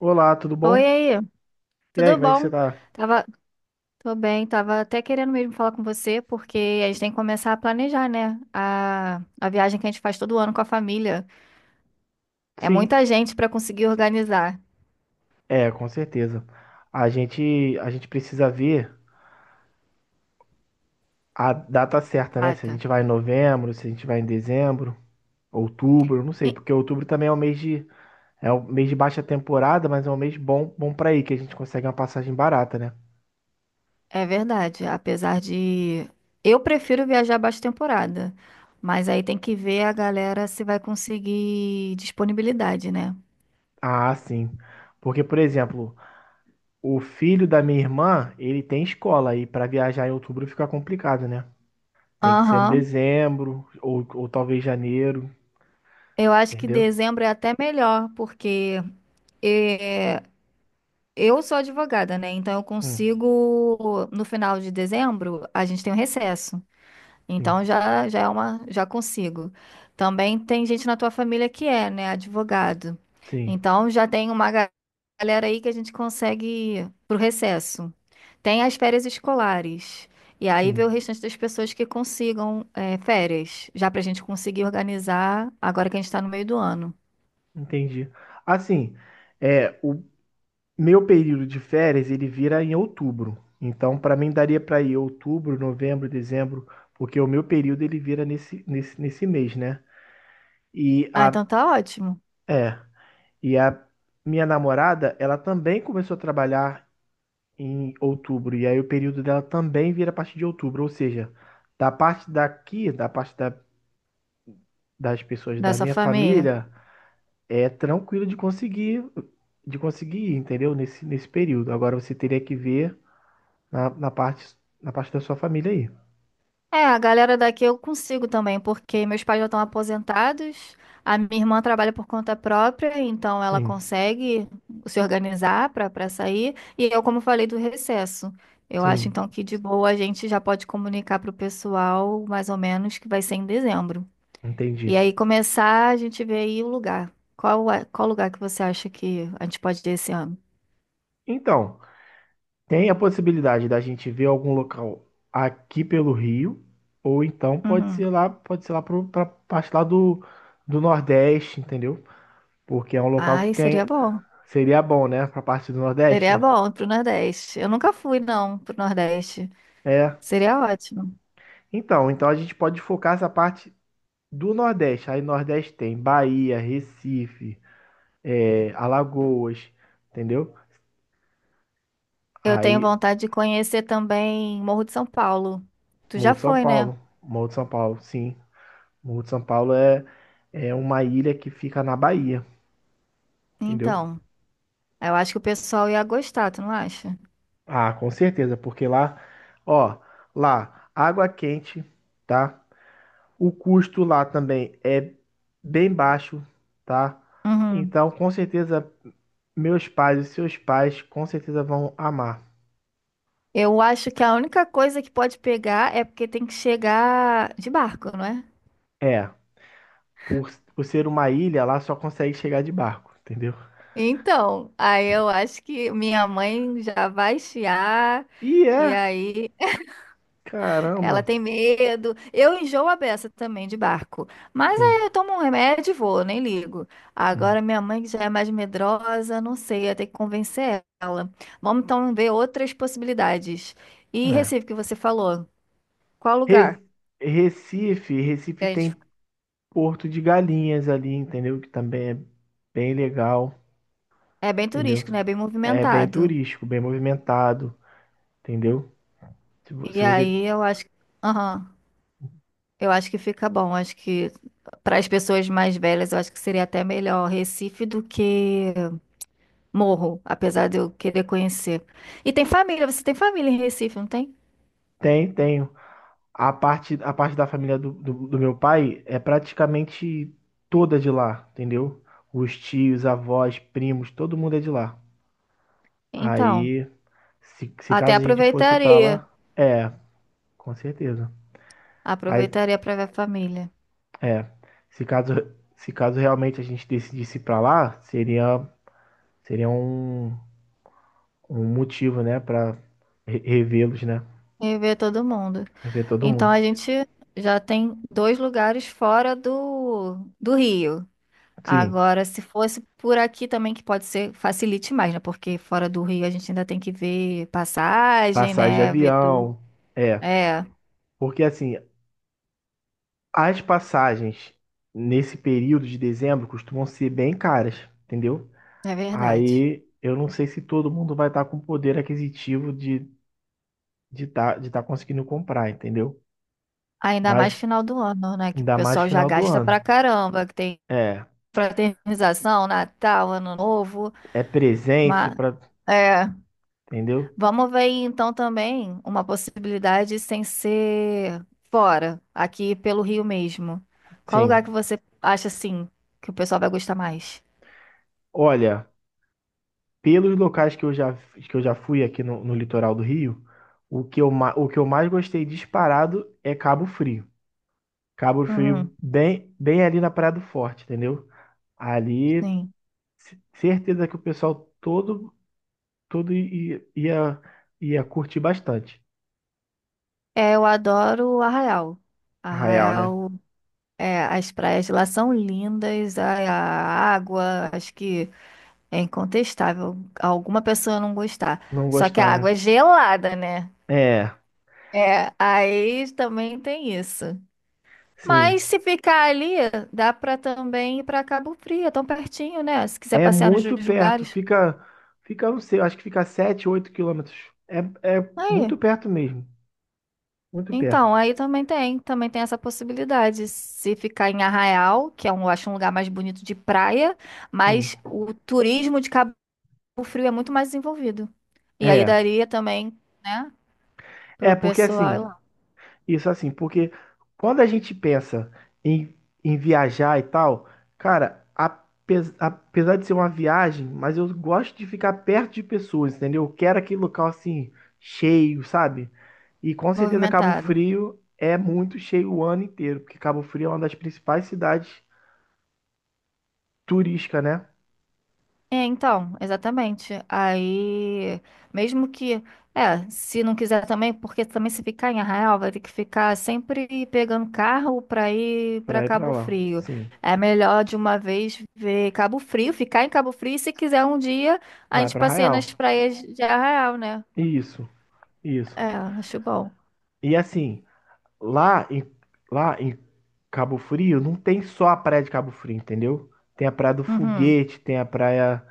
Olá, tudo bom? Oi aí, E aí, tudo como é que você bom? tá? Tava, Tô bem, tava até querendo mesmo falar com você, porque a gente tem que começar a planejar, né? A viagem que a gente faz todo ano com a família. É Sim, muita gente para conseguir organizar. é, com certeza. A gente precisa ver a data certa, né? Se a Mata. gente vai em novembro, se a gente vai em dezembro, outubro, não sei, E- porque outubro também é um mês de, é um mês de baixa temporada, mas é um mês bom, bom para ir, que a gente consegue uma passagem barata, né? É verdade, apesar de eu prefiro viajar baixa temporada, mas aí tem que ver a galera se vai conseguir disponibilidade, né? Ah, sim. Porque, por exemplo, o filho da minha irmã, ele tem escola e para viajar em outubro fica complicado, né? Tem que ser em Aham, dezembro ou talvez janeiro, eu acho que entendeu? dezembro é até melhor, porque eh, eu sou advogada, né? Então eu Hum, consigo, no final de dezembro, a gente tem um recesso. sim. Então já é uma, já consigo. Também tem gente na tua família que é, né, advogado. Sim, Então já tem uma galera aí que a gente consegue ir pro recesso. Tem as férias escolares. E aí vê sim, o restante das pessoas que consigam férias, já pra gente conseguir organizar agora que a gente tá no meio do ano. entendi. Assim, o meu período de férias ele vira em outubro. Então, para mim daria para ir outubro, novembro, dezembro, porque o meu período ele vira nesse mês, né? E Ah, então a, tá ótimo, é, e a minha namorada, ela também começou a trabalhar em outubro, e aí o período dela também vira a partir de outubro, ou seja, da parte daqui, das pessoas da da sua minha família. família, é tranquilo de conseguir, entendeu? Nesse período. Agora você teria que ver na, na parte, na parte da sua família aí. É, a galera daqui eu consigo também, porque meus pais já estão aposentados, a minha irmã trabalha por conta própria, então ela Sim, consegue se organizar para sair, e eu, como falei, do recesso. Eu acho sim, então que de boa a gente já pode comunicar para o pessoal, mais ou menos, que vai ser em dezembro. entendi. E aí começar a gente ver aí o lugar. Qual lugar que você acha que a gente pode ir esse ano? Então, tem a possibilidade da gente ver algum local aqui pelo Rio, ou então pode Uhum. ser lá, pode ser lá para parte lá do Nordeste, entendeu? Porque é um local que Ai, tem, seria bom. seria bom, né, para parte do Seria Nordeste. bom pro Nordeste. Eu nunca fui, não, pro Nordeste. É. Seria ótimo. Então a gente pode focar essa parte do Nordeste. Aí Nordeste tem Bahia, Recife, Alagoas, entendeu? Eu tenho Aí vontade de conhecer também Morro de São Paulo. Tu já Morro de São foi, né? Paulo, Morro de São Paulo, sim. Morro de São Paulo é uma ilha que fica na Bahia, entendeu? Então, eu acho que o pessoal ia gostar, tu não acha? Ah, com certeza, porque lá, ó, lá, água quente, tá? O custo lá também é bem baixo, tá? Uhum. Então, com certeza, meus pais e seus pais com certeza vão amar. Eu acho que a única coisa que pode pegar é porque tem que chegar de barco, não é? É. Por ser uma ilha, lá só consegue chegar de barco, entendeu? Então, aí eu acho que minha mãe já vai chiar, E e é, aí ela caramba. tem medo. Eu enjoo a beça também de barco. Mas Sim. aí eu tomo um remédio e vou, nem ligo. Hum. Agora minha mãe, que já é mais medrosa, não sei, ia ter que convencer ela. Vamos então ver outras possibilidades. E É. Recife, que você falou, qual lugar? Re- Recife, que Recife a gente- tem Porto de Galinhas ali, entendeu? Que também é bem legal, É bem entendeu? turístico, né? É bem É bem movimentado. turístico, bem movimentado, entendeu? Se, vo- E se você. aí eu acho que. Aham. Eu acho que fica bom. Acho que para as pessoas mais velhas, eu acho que seria até melhor Recife do que Morro, apesar de eu querer conhecer. E tem família, você tem família em Recife, não tem? Tem, tenho. A parte da família do meu pai é praticamente toda de lá, entendeu? Os tios, avós, primos, todo mundo é de lá. Então, Aí Se até caso a gente fosse pra aproveitaria. lá, é, com certeza. Aí, Aproveitaria para ver a família é, se caso, se caso realmente a gente decidisse ir pra lá, seria, seria um motivo, né, pra revê-los, né? e ver todo mundo. Rever todo Então mundo. a gente já tem dois lugares fora do Rio. Sim, Agora, se fosse por aqui também, que pode ser, facilite mais, né? Porque fora do Rio a gente ainda tem que ver passagem, passagem de né? Ver tudo. avião, é, É, porque assim, as passagens nesse período de dezembro costumam ser bem caras, entendeu? é verdade. Aí eu não sei se todo mundo vai estar com poder aquisitivo de tá conseguindo comprar, entendeu? Ainda Mas mais final do ano, né? Que o ainda mais pessoal já final do gasta ano. pra caramba, que tem É, Fraternização, Natal, Ano Novo. é presente ma- para, é, entendeu? Vamos ver aí, então também uma possibilidade sem ser fora, aqui pelo Rio mesmo. Qual Sim. lugar que você acha assim que o pessoal vai gostar mais? Olha, pelos locais que eu já fui aqui no litoral do Rio, o que eu mais gostei disparado é Cabo Frio. Cabo Uhum, Frio bem ali na Praia do Forte, entendeu? Ali, sim. certeza que o pessoal todo todo ia curtir bastante. É, eu adoro o Arraial. Arraial, né? Arraial, é, as praias de lá são lindas, a água, acho que é incontestável alguma pessoa não gostar. Não Só que a gostar, né? água é gelada, né? É, É, aí também tem isso. sim. Mas se ficar ali, dá pra também ir pra Cabo Frio, é tão pertinho, né? Se quiser É passear nos muito dois perto, lugares. fica, não sei, acho que fica 7, 8 quilômetros. É, é Aí, muito perto mesmo, muito então, perto, aí também tem, essa possibilidade. Se ficar em Arraial, que é um, eu acho um lugar mais bonito de praia, sim. mas o turismo de Cabo Frio é muito mais desenvolvido. E aí É, daria também, né, é pro porque pessoal ir assim, lá, isso assim, porque quando a gente pensa em, em viajar e tal, cara, apesar de ser uma viagem, mas eu gosto de ficar perto de pessoas, entendeu? Eu quero aquele local assim, cheio, sabe? E com certeza Cabo movimentado. Frio é muito cheio o ano inteiro, porque Cabo Frio é uma das principais cidades turísticas, né? É, então, exatamente. Aí, mesmo que, é, se não quiser também, porque também se ficar em Arraial, vai ter que ficar sempre pegando carro para ir para Pra ir pra Cabo lá. Frio. Sim. É melhor de uma vez ver Cabo Frio, ficar em Cabo Frio, e se quiser um dia, a Vai gente pra passeia Arraial. nas praias de Arraial, né? Isso, isso. É, acho bom. E assim, lá em, lá em Cabo Frio, não tem só a praia de Cabo Frio, entendeu? Tem a praia do Uhum. Foguete, tem a praia,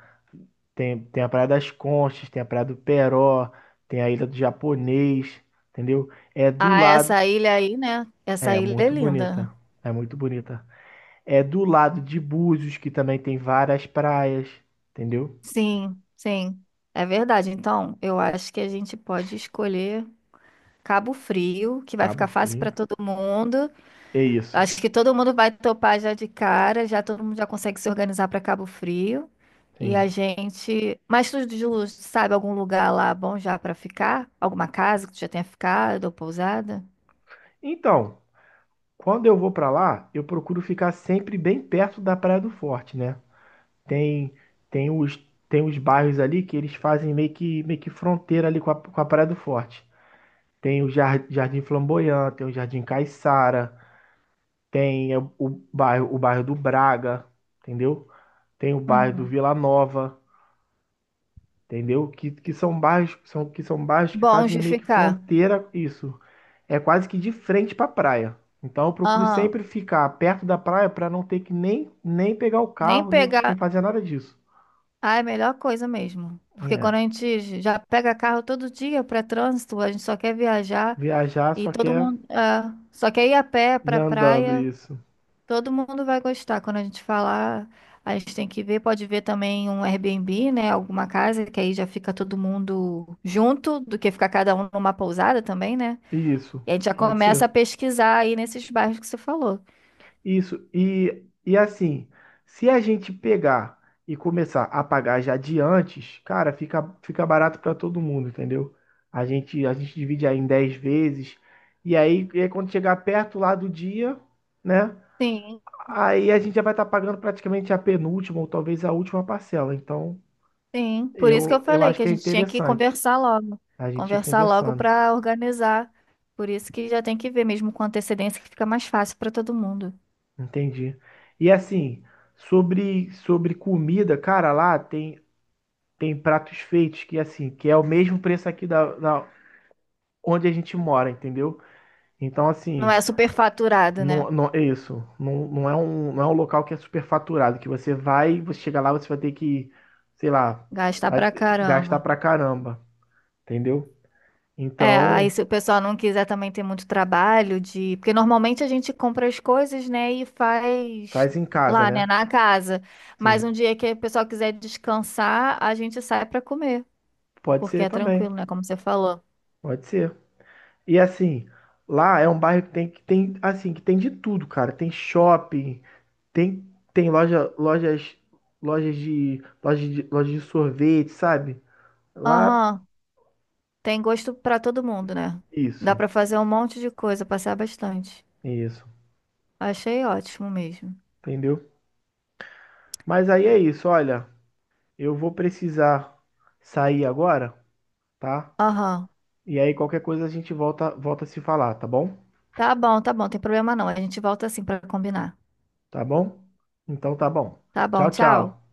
tem, tem a praia das Conchas, tem a praia do Peró, tem a ilha do Japonês, entendeu? É do Ah, lado, essa ilha aí, né? Essa é ilha é muito linda. bonita. É muito bonita. É do lado de Búzios, que também tem várias praias, entendeu? Sim, sim. É verdade. Então, eu acho que a gente pode escolher. Cabo Frio, que vai Cabo ficar fácil para Frio. todo mundo. É isso. Acho que todo mundo vai topar já de cara, já todo mundo já consegue se organizar para Cabo Frio. E Sim. a gente. Mas tu, Ju, sabe algum lugar lá bom já para ficar? Alguma casa que tu já tenha ficado ou pousada? Então, quando eu vou pra lá, eu procuro ficar sempre bem perto da Praia do Forte, né? Tem tem os tem os bairros ali que eles fazem meio que fronteira ali com a Praia do Forte. Tem o Jardim Flamboyant, tem o Jardim Caiçara, tem o bairro do Braga, entendeu? Tem o bairro do Uhum. Vila Nova. Entendeu? Que são bairros, são, que são bairros que Bom fazem de meio que ficar. fronteira isso. É quase que de frente para a praia. Então eu procuro Aham. sempre ficar perto da praia para não ter que nem pegar o Nem carro, nem pegar. fazer nada disso. Ah, é a melhor coisa mesmo. Porque quando É. a gente já pega carro todo dia para trânsito, a gente só quer viajar Viajar e só todo quer mundo. É, só quer ir a pé ir para andando, praia. isso. Todo mundo vai gostar. Quando a gente falar, a gente tem que ver. Pode ver também um Airbnb, né? Alguma casa, que aí já fica todo mundo junto, do que ficar cada um numa pousada também, né? Isso, E a gente já pode começa ser. a pesquisar aí nesses bairros que você falou. Isso, e assim, se a gente pegar e começar a pagar já de antes, cara, fica barato para todo mundo, entendeu? A gente divide aí em 10 vezes, e aí quando chegar perto lá do dia, né? Sim, Aí a gente já vai estar pagando praticamente a penúltima ou talvez a última parcela. Então, sim. Por isso que eu eu falei acho que a que é gente tinha que interessante conversar logo. a gente ir Conversar logo conversando, para organizar. Por isso que já tem que ver mesmo com antecedência, que fica mais fácil para todo mundo. entendi. E assim, sobre comida, cara, lá tem pratos feitos que assim, que é o mesmo preço aqui da onde a gente mora, entendeu? Então Não assim, é superfaturado, né? não, não é isso, não, não é um local que é superfaturado, que você chega lá, você vai ter que, sei lá, Gastar vai pra gastar caramba. pra caramba, entendeu? É, aí Então, se o pessoal não quiser também ter muito trabalho de, porque normalmente a gente compra as coisas, né, e faz faz em casa, lá, né, né? na casa. Mas Sim, um dia que o pessoal quiser descansar, a gente sai pra comer, pode porque ser é também, tranquilo, né, como você falou. pode ser. E assim, lá é um bairro que tem assim, que tem de tudo, cara. Tem shopping, Tem, tem lojas de sorvete, sabe? Lá, Aham, tem gosto pra todo mundo, né? Dá isso, pra fazer um monte de coisa, passar bastante. isso, Achei ótimo mesmo. entendeu? Mas aí é isso, olha, eu vou precisar sair agora, tá? Aham. E aí qualquer coisa a gente volta a se falar, tá bom? Tá bom, tem problema não. A gente volta assim pra combinar. Tá bom? Então tá bom. Tá bom, Tchau, tchau. tchau.